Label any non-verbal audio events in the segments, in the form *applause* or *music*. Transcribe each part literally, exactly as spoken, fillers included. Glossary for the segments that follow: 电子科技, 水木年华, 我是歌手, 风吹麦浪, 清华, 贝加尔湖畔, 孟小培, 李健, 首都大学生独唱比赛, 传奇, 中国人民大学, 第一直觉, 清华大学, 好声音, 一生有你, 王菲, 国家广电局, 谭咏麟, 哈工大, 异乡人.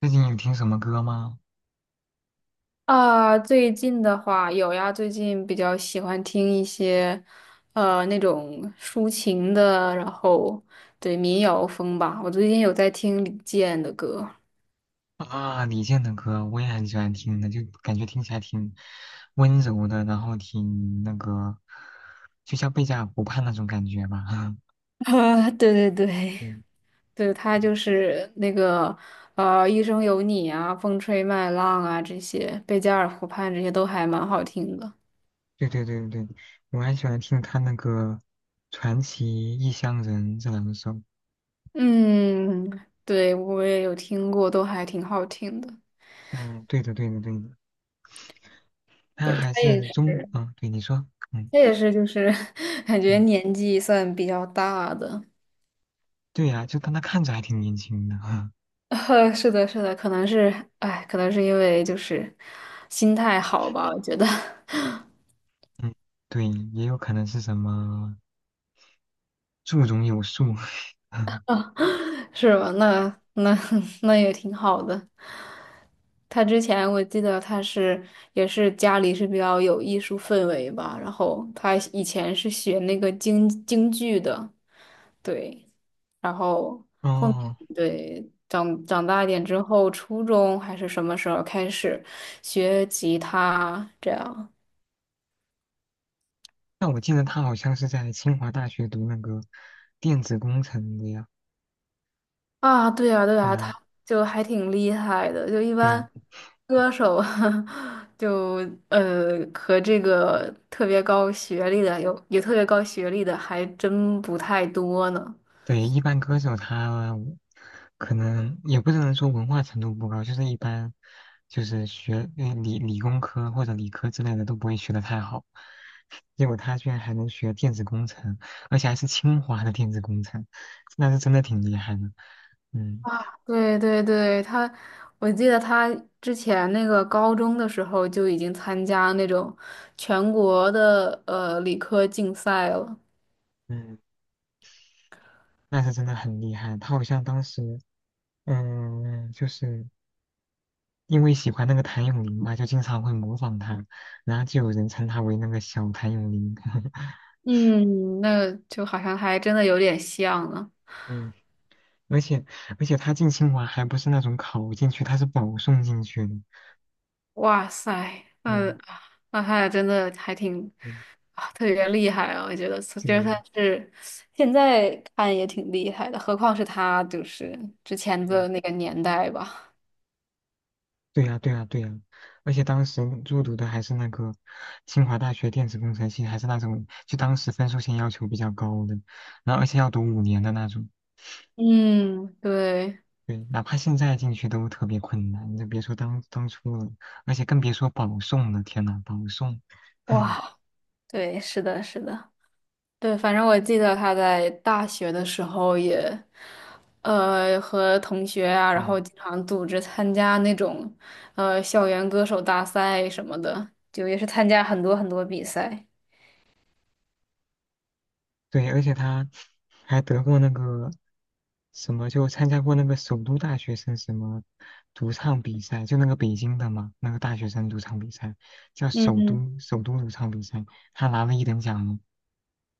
最近有听什么歌吗？啊，最近的话有呀，最近比较喜欢听一些，呃，那种抒情的，然后对民谣风吧。我最近有在听李健的歌，啊，李健的歌我也很喜欢听的，就感觉听起来挺温柔的，然后挺那个，就像贝加尔湖畔那种感觉吧。*laughs* *laughs* 啊，对对对，嗯，*laughs* 对，他嗯就是那个，呃，《一生有你》啊，《风吹麦浪》啊，这些《贝加尔湖畔》这些都还蛮好听的。对对对对对，我还喜欢听他那个《传奇》《异乡人》这两首。嗯，对，我也有听过，都还挺好听的。嗯，对的对的对的，他对。还他也是是。中，嗯，对你说，嗯这也是就是 *laughs* 感觉嗯，年纪算比较大的，对呀、就但他看着还挺年轻的。*laughs* *laughs* 呃，是的，是的，可能是，哎，可能是因为就是心态好吧，我觉得 *laughs* 嗯，对，也有可能是什么树中有树。*laughs* 是吧？那那 *laughs* 那也挺好的。他之前我记得他是也是家里是比较有艺术氛围吧，然后他以前是学那个京京剧的，对，然后。哦，对，长长大一点之后，初中还是什么时候开始学吉他这样那我记得他好像是在清华大学读那个电子工程的呀。啊？对啊，对对啊，他 呀，*laughs* 就还挺厉害的，就一对呀，般歌手 *laughs* 就呃和这个特别高学历的有有特别高学历的还真不太多呢。对，一般歌手他可能也不能说文化程度不高，就是一般就是学呃理理工科或者理科之类的都不会学的太好，结果他居然还能学电子工程，而且还是清华的电子工程，那是真的挺厉害的。嗯对对对，他，我记得他之前那个高中的时候就已经参加那种全国的呃理科竞赛了。嗯，那是真的很厉害。他好像当时嗯就是。因为喜欢那个谭咏麟嘛，就经常会模仿他，然后就有人称他为那个小谭咏麟。*laughs* 嗯，那就好像还真的有点像呢。嗯，而且而且他进清华还不是那种考进去，他是保送进去的。哇塞，嗯嗯，那他俩真的还挺嗯，啊，特别厉害啊！我觉得，其对呀，实他是现在看也挺厉害的，何况是他就是之前嗯，的那个年代吧。对呀对呀对呀，而且当时入读的还是那个清华大学电子工程系，还是那种就当时分数线要求比较高的，然后而且要读五年的那种。嗯，对，对，哪怕现在进去都特别困难，你就别说当当初了，而且更别说保送了。天呐，保送，*laughs* 哇，对，是的，是的。对，反正我记得他在大学的时候也，呃，和同学啊，然后嗯，经常组织参加那种，呃，校园歌手大赛什么的，就也是参加很多很多比赛。对，而且他还得过那个什么，就参加过那个首都大学生什么独唱比赛，就那个北京的嘛，那个大学生独唱比赛叫嗯首嗯都首都独唱比赛，他拿了一等奖呢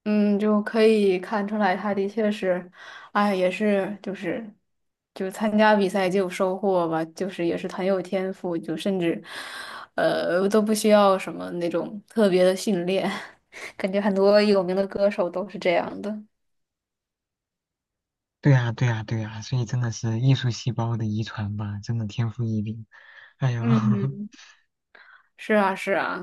嗯，就可以看出来，他的确是，哎，也是就是，就参加比赛就有收获吧，就是也是很有天赋，就甚至，呃，都不需要什么那种特别的训练，*laughs* 感觉很多有名的歌手都是这样的。对啊，对啊，对啊，所以真的是艺术细胞的遗传吧，真的天赋异禀。哎呦，*laughs* 嗯，是啊，是啊，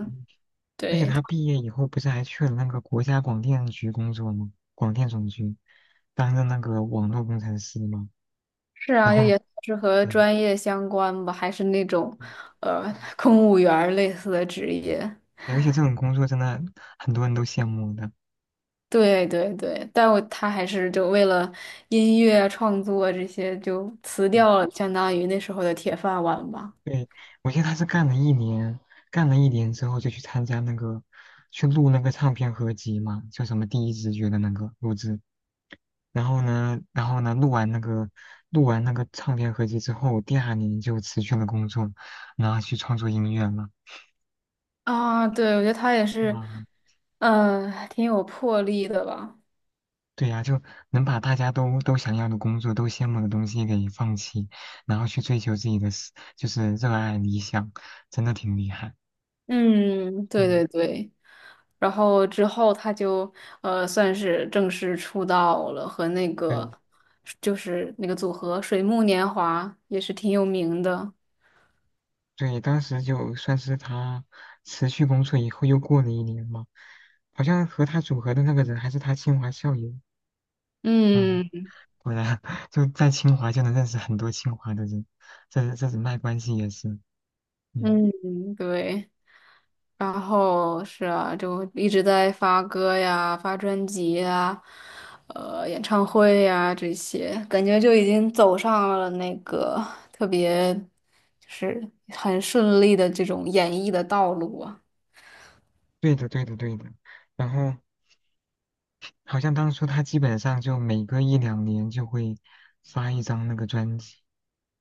而且对，他毕业以后不是还去了那个国家广电局工作吗？广电总局，当任那个网络工程师嘛。是然啊，后，也算是和对专业相关吧，还是那种，嗯，呃，嗯嗯公务员儿类似的职业。而且这种工作真的很多人都羡慕的。对对对，但我他还是就为了音乐啊创作啊这些就辞嗯，掉了，相当于那时候的铁饭碗吧。对，我记得他是干了一年，干了一年之后就去参加那个，去录那个唱片合集嘛，叫什么《第一直觉》的那个录制。然后呢，然后呢，录完那个录完那个唱片合集之后，第二年就辞去了工作，然后去创作音乐了。啊，对，我觉得他也是，哇，嗯、挺有魄力的吧。对呀，就能把大家都都想要的工作、都羡慕的东西给放弃，然后去追求自己的事，就是热爱理想，真的挺厉害。嗯，对嗯，对对。然后之后他就呃算是正式出道了，和那个对就是那个组合水木年华也是挺有名的。对，当时就算是他辞去工作以后，又过了一年嘛，好像和他组合的那个人还是他清华校友。嗯，嗯果然 *laughs* 就在清华就能认识很多清华的人，这这人脉关系也是。嗯，嗯，对。然后是啊，就一直在发歌呀、发专辑呀、呃演唱会呀这些，感觉就已经走上了那个特别就是很顺利的这种演艺的道路啊。对的，对的，对的。然后。好像当初他基本上就每隔一两年就会发一张那个专辑，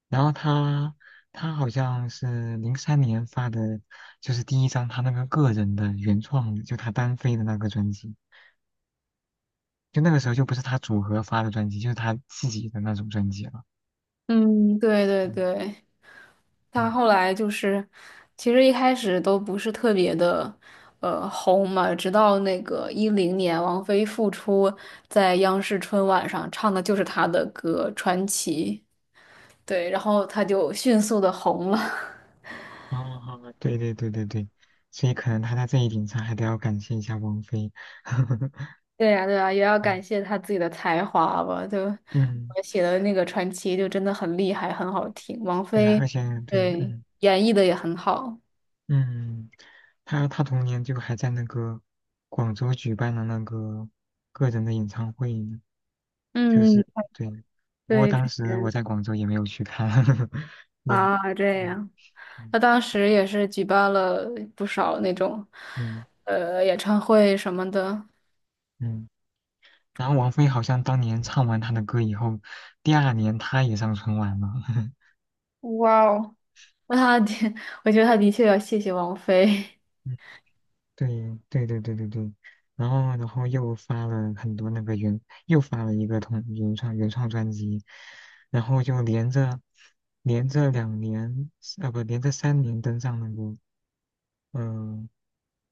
然后他他好像是零三年发的，就是第一张他那个个人的原创的，就他单飞的那个专辑，就那个时候就不是他组合发的专辑，就是他自己的那种专辑了。嗯，对对嗯对。他嗯，后来就是，其实一开始都不是特别的，呃，红嘛。直到那个一零年，王菲复出，在央视春晚上唱的就是他的歌《传奇》，对，然后他就迅速的红了。*laughs* 哦哦，对对对对对，所以可能他在这一点上还得要感谢一下王菲。*laughs* 对呀，对呀，也要嗯感谢他自己的才华吧。就嗯，我写的那个《传奇》就真的很厉害，很好听。王对啊，菲，而且对，对，嗯。演绎的也很好。嗯，他他同年就还在那个广州举办了那个个人的演唱会呢就嗯，是对，不过对，当之时我前在广州也没有去看，*laughs* 对，啊，这嗯样。嗯他当时也是举办了不少那种，嗯呃，演唱会什么的。嗯，然后王菲好像当年唱完他的歌以后，第二年她也上春晚了，*laughs* 哇哦，那他的，*laughs* 我觉得他的确要谢谢王菲 对对对对对对，然后然后又发了很多那个原，又发了一个同原创原创专辑，然后就连着连着两年，呃不，连着三年登上那个，嗯、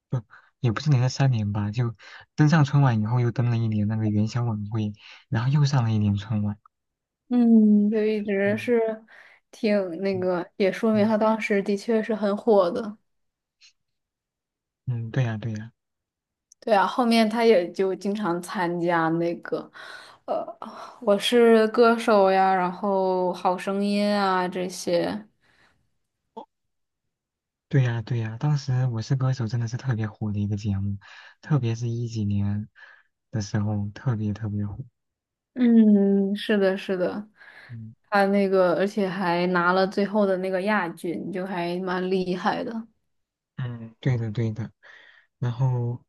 不，也不是连着三年吧，就登上春晚以后又登了一年那个元宵晚会，然后又上了一年春晚，*laughs*，嗯，就一直是嗯挺那嗯个，也说明嗯他当时的确是很火的。嗯，对呀、对呀、对啊，后面他也就经常参加那个，呃，《我是歌手》呀，然后《好声音》啊这些。对呀，对呀，当时《我是歌手》真的是特别火的一个节目，特别是一几年的时候，特别特别火。嗯，是的，是的，嗯他那个，而且还拿了最后的那个亚军，就还蛮厉害的。嗯，对的对的。然后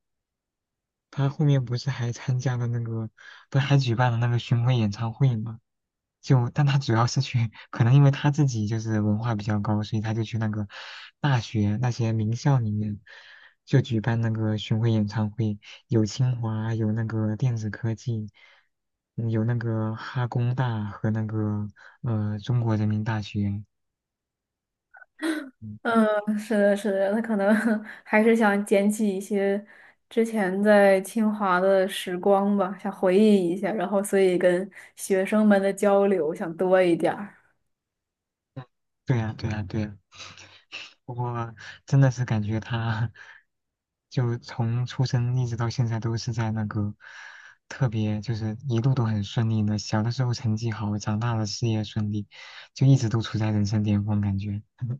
他后面不是还参加了那个，不是还举办了那个巡回演唱会吗？就，但他主要是去，可能因为他自己就是文化比较高，所以他就去那个大学那些名校里面，就举办那个巡回演唱会，有清华，有那个电子科技，嗯有那个哈工大和那个呃中国人民大学。嗯嗯，是的，是的，他可能 *laughs* 还是想捡起一些之前在清华的时光吧，想回忆一下，然后所以跟学生们的交流想多一点儿。对呀，对呀，对呀。不过真的是感觉他就从出生一直到现在都是在那个特别就是一路都很顺利的，小的时候成绩好，长大了事业顺利，就一直都处在人生巅峰感觉。*laughs*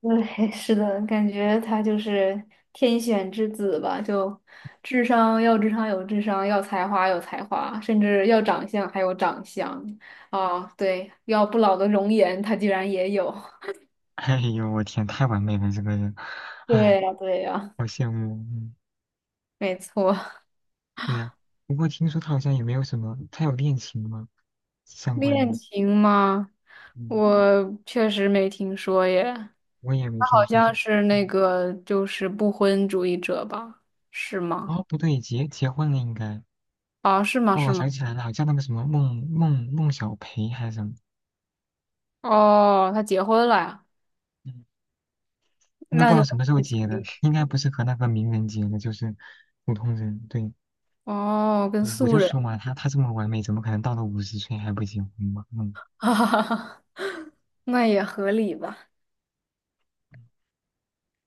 对，*laughs* 是的，感觉他就是天选之子吧，就智商要智商有智商，要才华有才华，甚至要长相还有长相啊，对，要不老的容颜他居然也有。*laughs* 哎呦，我天，太完美了这个人，对哎，呀，对呀，好羡慕。嗯，没错。对呀、不过听说他好像也没有什么，他有恋情吗？相关恋的，情吗？嗯，我确实没听说耶，我也没他听好说就，像是那嗯，个就是不婚主义者吧？是吗？哦，不对，结结婚了应该。啊，是吗？哦，我是想吗？起来了，好像那个什么孟孟孟小培还是什么，哦，他结婚了呀？嗯，那不那知道就。什么时候结的，应该不是和那个名人结的，就是普通人。对，哦，跟对我素就人，说嘛，他他这么完美，怎么可能到了五十岁还不结婚嘛？嗯，*laughs* 哈哈哈那也合理吧。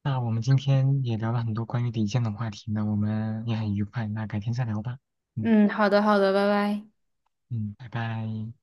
那我们今天也聊了很多关于李健的话题呢，我们也很愉快，那改天再聊吧。嗯嗯，好的，好的，拜拜。嗯，拜拜。